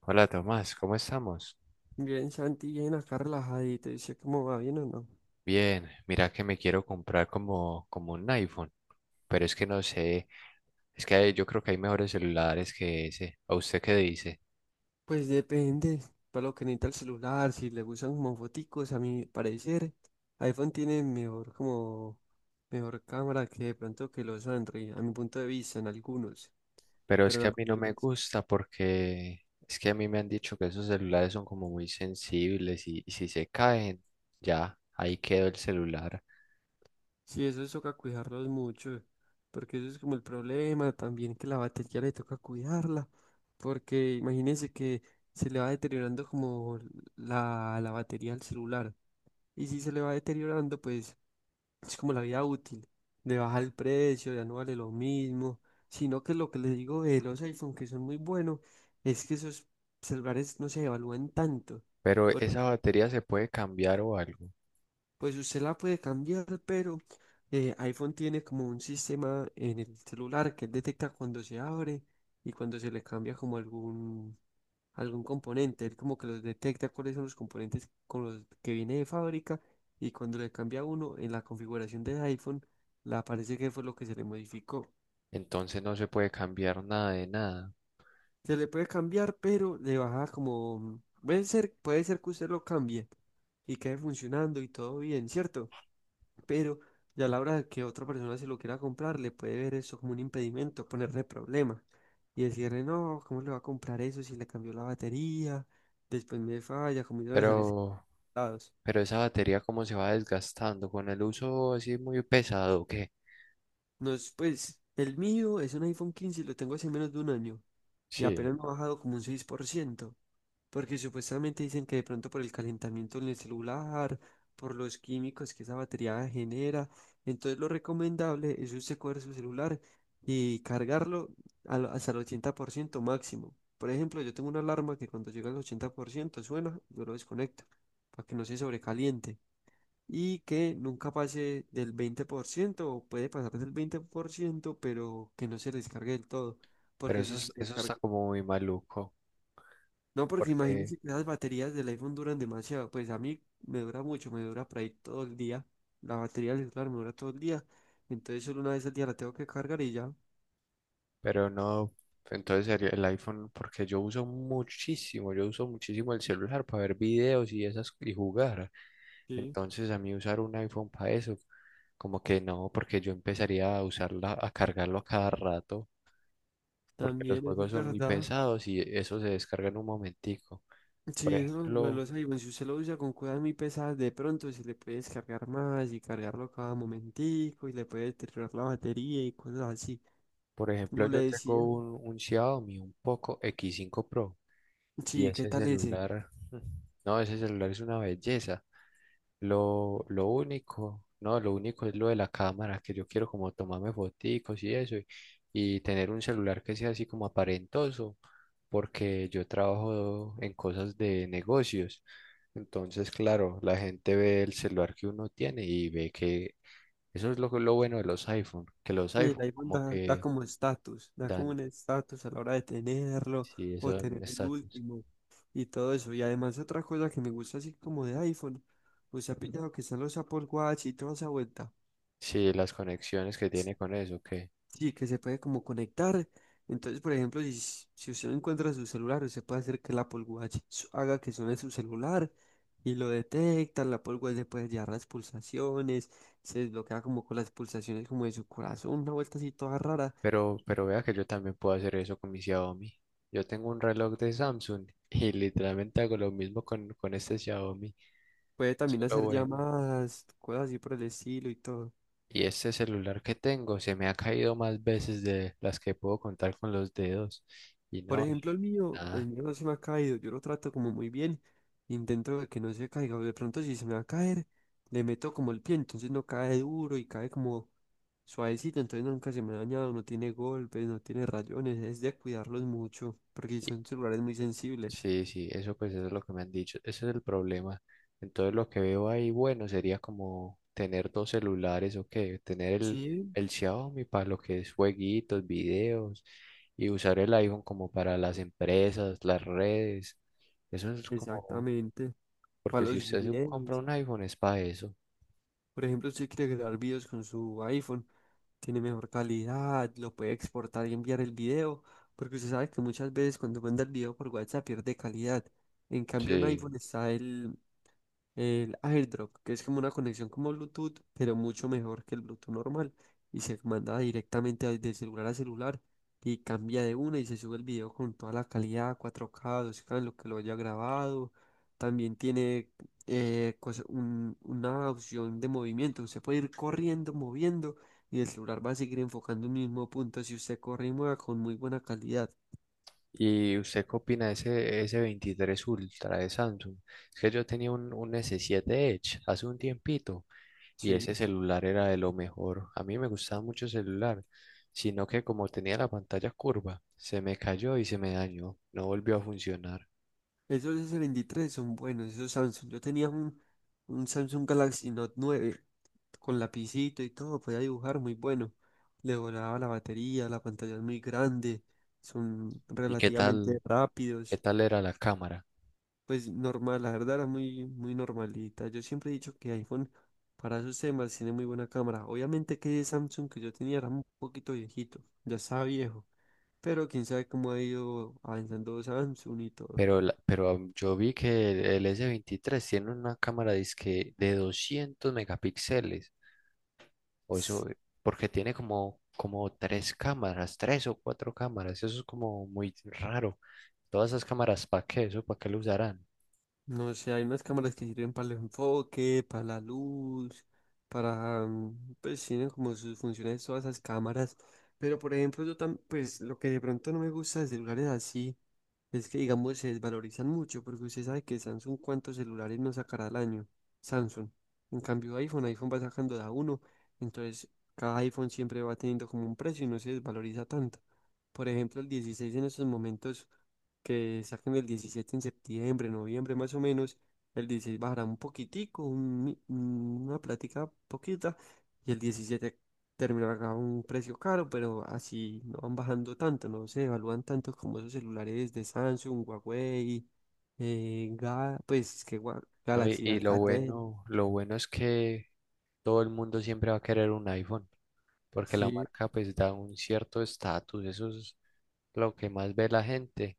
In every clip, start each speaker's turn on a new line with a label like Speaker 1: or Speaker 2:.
Speaker 1: Hola Tomás, ¿cómo estamos?
Speaker 2: Bien, Santi, bien acá relajadito. Dice cómo va bien o no.
Speaker 1: Bien, mira que me quiero comprar como un iPhone, pero es que no sé, es que yo creo que hay mejores celulares que ese. ¿A usted qué dice?
Speaker 2: Pues depende. Para lo que necesita el celular, si le gustan como foticos, a mi parecer, iPhone tiene mejor como mejor cámara que de pronto que los Android, a mi punto de vista, en algunos.
Speaker 1: Pero es
Speaker 2: Pero en
Speaker 1: que a
Speaker 2: la
Speaker 1: mí no me
Speaker 2: mayoría.
Speaker 1: gusta porque es que a mí me han dicho que esos celulares son como muy sensibles y si se caen, ya, ahí quedó el celular.
Speaker 2: Sí, eso toca cuidarlos mucho. Porque eso es como el problema también que la batería le toca cuidarla. Porque imagínense que se le va deteriorando como la batería al celular. Y si se le va deteriorando, pues es como la vida útil, de bajar el precio, ya no vale lo mismo, sino que lo que les digo de los iPhone, que son muy buenos, es que esos celulares no se evalúan tanto.
Speaker 1: Pero
Speaker 2: Por
Speaker 1: esa batería se puede cambiar o algo,
Speaker 2: Pues usted la puede cambiar, pero iPhone tiene como un sistema en el celular que él detecta cuando se abre y cuando se le cambia como algún componente. Él como que los detecta cuáles son los componentes con los que viene de fábrica y cuando le cambia uno en la configuración del iPhone, le aparece que fue lo que se le modificó.
Speaker 1: entonces no se puede cambiar nada de nada.
Speaker 2: Se le puede cambiar, pero le baja como... puede ser que usted lo cambie y quede funcionando y todo bien, ¿cierto? Pero ya a la hora de que otra persona se lo quiera comprar, le puede ver eso como un impedimento, ponerle problemas y decirle, no, ¿cómo le va a comprar eso si le cambió la batería? Después me falla, ¿cómo iban a salir
Speaker 1: Pero
Speaker 2: lados?
Speaker 1: Pero esa batería como se va desgastando con el uso así muy pesado, ¿qué?
Speaker 2: No es, pues, el mío es un iPhone 15 y lo tengo hace menos de un año y
Speaker 1: Sí,
Speaker 2: apenas me ha bajado como un 6%. Porque supuestamente dicen que de pronto por el calentamiento en el celular, por los químicos que esa batería genera, entonces lo recomendable es usted coger su celular y cargarlo hasta el 80% máximo. Por ejemplo, yo tengo una alarma que cuando llega al 80% suena, yo lo desconecto para que no se sobrecaliente y que nunca pase del 20% o puede pasar del 20% pero que no se descargue del todo,
Speaker 1: pero
Speaker 2: porque
Speaker 1: eso,
Speaker 2: si se
Speaker 1: eso
Speaker 2: descarga
Speaker 1: está como muy maluco,
Speaker 2: no, porque
Speaker 1: porque,
Speaker 2: imagínense que las baterías del iPhone duran demasiado. Pues a mí me dura mucho, me dura por ahí todo el día. La batería del celular me dura todo el día. Entonces solo una vez al día la tengo que cargar y ya.
Speaker 1: pero no, entonces sería el iPhone, porque yo uso muchísimo el celular para ver videos y esas y jugar.
Speaker 2: Sí,
Speaker 1: Entonces a mí usar un iPhone para eso, como que no, porque yo empezaría a usarla, a cargarlo a cada rato, porque los
Speaker 2: también eso
Speaker 1: juegos
Speaker 2: es
Speaker 1: son muy
Speaker 2: verdad.
Speaker 1: pesados y eso se descarga en un momentico. Por
Speaker 2: Sí, eso lo de
Speaker 1: ejemplo,
Speaker 2: los iPhones, si usted lo usa con cosas muy pesadas, de pronto se le puede descargar más y cargarlo cada momentico y le puede deteriorar la batería y cosas así.
Speaker 1: Por ejemplo,
Speaker 2: Como le
Speaker 1: yo tengo
Speaker 2: decía,
Speaker 1: un Xiaomi, un Poco X5 Pro, y
Speaker 2: sí, ¿qué
Speaker 1: ese
Speaker 2: tal ese?
Speaker 1: celular, no, ese celular es una belleza. Lo único, no, lo único es lo de la cámara, que yo quiero como tomarme foticos y eso, y tener un celular que sea así como aparentoso, porque yo trabajo en cosas de negocios. Entonces, claro, la gente ve el celular que uno tiene y ve que eso es lo bueno de los iPhone, que los
Speaker 2: Y el
Speaker 1: iPhone
Speaker 2: iPhone
Speaker 1: como
Speaker 2: da, da
Speaker 1: que
Speaker 2: como estatus, da como
Speaker 1: dan.
Speaker 2: un estatus a la hora de tenerlo
Speaker 1: Sí,
Speaker 2: o
Speaker 1: eso es un
Speaker 2: tener el
Speaker 1: estatus.
Speaker 2: último y todo eso. Y además otra cosa que me gusta así como de iPhone, pues ha pillado que están los Apple Watch y toda esa vuelta.
Speaker 1: Sí, las conexiones que tiene con eso, que.
Speaker 2: Sí, que se puede como conectar. Entonces, por ejemplo, si usted no encuentra su celular, usted puede hacer que el Apple Watch haga que suene su celular y lo detecta. El Apple Watch le puede llevar las pulsaciones, se desbloquea como con las pulsaciones como de su corazón, una vuelta así toda rara.
Speaker 1: Pero vea que yo también puedo hacer eso con mi Xiaomi. Yo tengo un reloj de Samsung y literalmente hago lo mismo con este Xiaomi.
Speaker 2: Puede
Speaker 1: Eso
Speaker 2: también
Speaker 1: es lo
Speaker 2: hacer
Speaker 1: bueno.
Speaker 2: llamadas, cosas así por el estilo y todo.
Speaker 1: Y este celular que tengo se me ha caído más veces de las que puedo contar con los dedos. Y
Speaker 2: Por
Speaker 1: no, y
Speaker 2: ejemplo, el mío, el
Speaker 1: nada.
Speaker 2: mío no se me ha caído, yo lo trato como muy bien, intento de que no se caiga, o de pronto si se me va a caer, le meto como el pie, entonces no cae duro y cae como suavecito, entonces nunca se me ha dañado, no tiene golpes, no tiene rayones, es de cuidarlos mucho, porque son celulares muy sensibles.
Speaker 1: Sí, sí, eso pues eso es lo que me han dicho, ese es el problema. Entonces lo que veo ahí, bueno, sería como tener dos celulares o qué, tener
Speaker 2: Sí,
Speaker 1: el Xiaomi para lo que es jueguitos, videos y usar el iPhone como para las empresas, las redes. Eso es como,
Speaker 2: exactamente,
Speaker 1: porque
Speaker 2: para
Speaker 1: si
Speaker 2: los
Speaker 1: usted se compra
Speaker 2: videos.
Speaker 1: un iPhone es para eso.
Speaker 2: Por ejemplo, si quiere grabar videos con su iPhone, tiene mejor calidad, lo puede exportar y enviar el video, porque usted sabe que muchas veces cuando manda el video por WhatsApp pierde calidad. En cambio, en
Speaker 1: Sí.
Speaker 2: iPhone está el AirDrop, que es como una conexión como Bluetooth, pero mucho mejor que el Bluetooth normal. Y se manda directamente de celular a celular y cambia de una y se sube el video con toda la calidad, 4K, 2K, en lo que lo haya grabado. También tiene una opción de movimiento. Usted puede ir corriendo, moviendo y el celular va a seguir enfocando un mismo punto si usted corre y mueve con muy buena calidad.
Speaker 1: ¿Y usted qué opina de ese S23 Ultra de Samsung? Es que yo tenía un S7 Edge hace un tiempito. Y ese
Speaker 2: Sí.
Speaker 1: celular era de lo mejor. A mí me gustaba mucho el celular, sino que como tenía la pantalla curva, se me cayó y se me dañó. No volvió a funcionar.
Speaker 2: Esos S23 son buenos, esos Samsung. Yo tenía un Samsung Galaxy Note 9 con lapicito y todo, podía dibujar muy bueno. Le volaba la batería, la pantalla es muy grande, son
Speaker 1: ¿Y
Speaker 2: relativamente
Speaker 1: qué
Speaker 2: rápidos.
Speaker 1: tal era la cámara?
Speaker 2: Pues normal, la verdad era muy normalita. Yo siempre he dicho que iPhone para esos temas tiene muy buena cámara. Obviamente que ese Samsung que yo tenía era un poquito viejito, ya estaba viejo, pero quién sabe cómo ha ido avanzando Samsung y todo.
Speaker 1: Pero, pero yo vi que el S23 tiene una cámara dizque de 200 megapíxeles. O eso, porque tiene como, como tres cámaras, tres o cuatro cámaras. Eso es como muy raro. Todas esas cámaras, ¿para qué? ¿Eso para qué lo usarán?
Speaker 2: No sé, hay unas cámaras que sirven para el enfoque, para la luz, pues tienen como sus funciones todas esas cámaras. Pero por ejemplo, yo también, pues lo que de pronto no me gusta de celulares así. Es que, digamos, se desvalorizan mucho porque usted sabe que Samsung cuántos celulares no sacará al año. Samsung. En cambio, iPhone va sacando de a uno. Entonces, cada iPhone siempre va teniendo como un precio y no se desvaloriza tanto. Por ejemplo, el 16 en estos momentos que saquen el 17 en septiembre, noviembre más o menos, el 16 bajará un poquitico, una plática poquita, y el 17 terminará a un precio caro, pero así no van bajando tanto, no se evalúan tanto como esos celulares de Samsung, Huawei,
Speaker 1: No,
Speaker 2: Galaxy,
Speaker 1: y
Speaker 2: Alcatel.
Speaker 1: lo bueno es que todo el mundo siempre va a querer un iPhone, porque la
Speaker 2: Sí,
Speaker 1: marca pues da un cierto estatus, eso es lo que más ve la gente,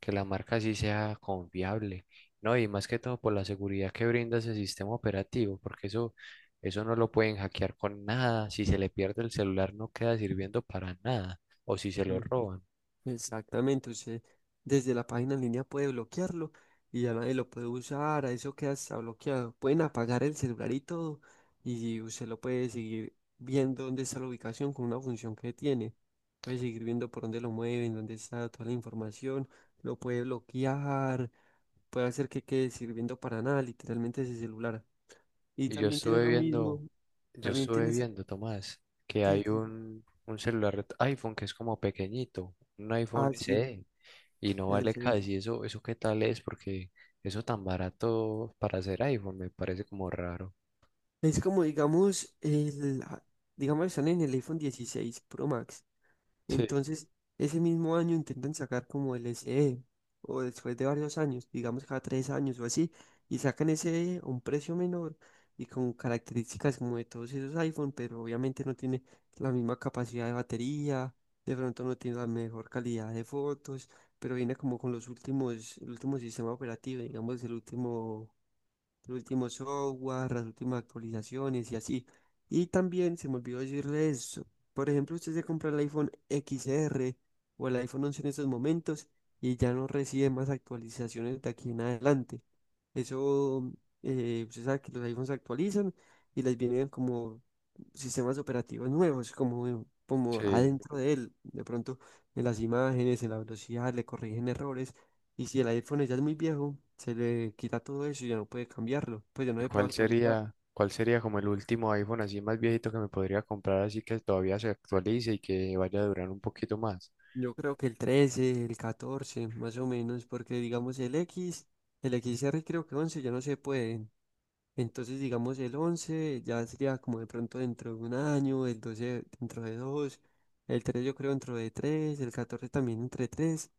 Speaker 1: que la marca sí sea confiable, ¿no? Y más que todo por la seguridad que brinda ese sistema operativo, porque eso no lo pueden hackear con nada, si se le pierde el celular no queda sirviendo para nada, o si se
Speaker 2: sí.
Speaker 1: lo roban.
Speaker 2: Exactamente, usted desde la página en línea puede bloquearlo y ya nadie lo puede usar, a eso queda hasta bloqueado. Pueden apagar el celular y todo y usted lo puede seguir viendo dónde está la ubicación con una función que tiene. Puede seguir viendo por dónde lo mueven, dónde está toda la información, lo puede bloquear, puede hacer que quede sirviendo para nada, literalmente ese celular. Y
Speaker 1: Y
Speaker 2: también tiene lo mismo,
Speaker 1: yo
Speaker 2: también
Speaker 1: estuve
Speaker 2: tienes
Speaker 1: viendo, Tomás, que
Speaker 2: que...
Speaker 1: hay un celular iPhone que es como pequeñito, un iPhone
Speaker 2: Ah, sí,
Speaker 1: SE. Y no vale casi eso, eso qué tal es, porque eso tan barato para hacer iPhone me parece como raro.
Speaker 2: es como, digamos, están en el iPhone 16 Pro Max.
Speaker 1: Sí,
Speaker 2: Entonces, ese mismo año intentan sacar como el SE, o después de varios años, digamos cada tres años o así, y sacan ese E a un precio menor y con características como de todos esos iPhone, pero obviamente no tiene la misma capacidad de batería, de pronto no tiene la mejor calidad de fotos, pero viene como con los últimos, el último sistema operativo, digamos, el último los últimos software, las últimas actualizaciones y así. Y también se me olvidó decirle eso, por ejemplo, usted se compra el iPhone XR o el iPhone 11 en estos momentos y ya no recibe más actualizaciones de aquí en adelante. Eso, usted sabe que los iPhones se actualizan y les vienen como sistemas operativos nuevos, como
Speaker 1: sí.
Speaker 2: adentro de él. De pronto, en las imágenes, en la velocidad, le corrigen errores. Y si el iPhone ya es muy viejo, se le quita todo eso y ya no puede cambiarlo, pues ya no
Speaker 1: ¿Y
Speaker 2: se puede actualizar.
Speaker 1: cuál sería como el último iPhone así más viejito que me podría comprar así que todavía se actualice y que vaya a durar un poquito más?
Speaker 2: Yo creo que el 13, el 14, más o menos, porque digamos el X, el XR creo que 11 ya no se pueden. Entonces digamos el 11 ya sería como de pronto dentro de un año, el 12 dentro de dos, el 3 yo creo dentro de tres, el 14 también entre tres,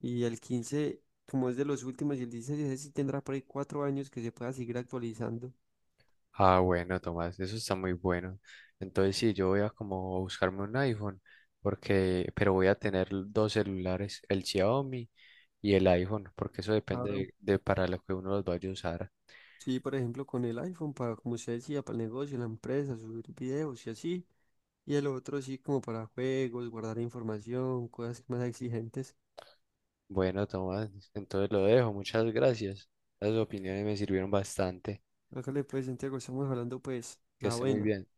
Speaker 2: y el 15 como es de los últimos y el 16 ese sí tendrá por ahí 4 años que se pueda seguir actualizando.
Speaker 1: Ah, bueno, Tomás, eso está muy bueno. Entonces sí, yo voy a como buscarme un iPhone porque, pero voy a tener dos celulares, el Xiaomi y el iPhone, porque eso depende
Speaker 2: Ahora,
Speaker 1: de para lo que uno los vaya a usar.
Speaker 2: sí, por ejemplo, con el iPhone, para, como usted decía, para el negocio, la empresa, subir videos y así. Y el otro sí, como para juegos, guardar información, cosas más exigentes.
Speaker 1: Bueno, Tomás, entonces lo dejo. Muchas gracias. Las opiniones me sirvieron bastante.
Speaker 2: Hágale pues, Santiago, estamos hablando pues,
Speaker 1: Que
Speaker 2: la
Speaker 1: esté muy
Speaker 2: buena.
Speaker 1: bien.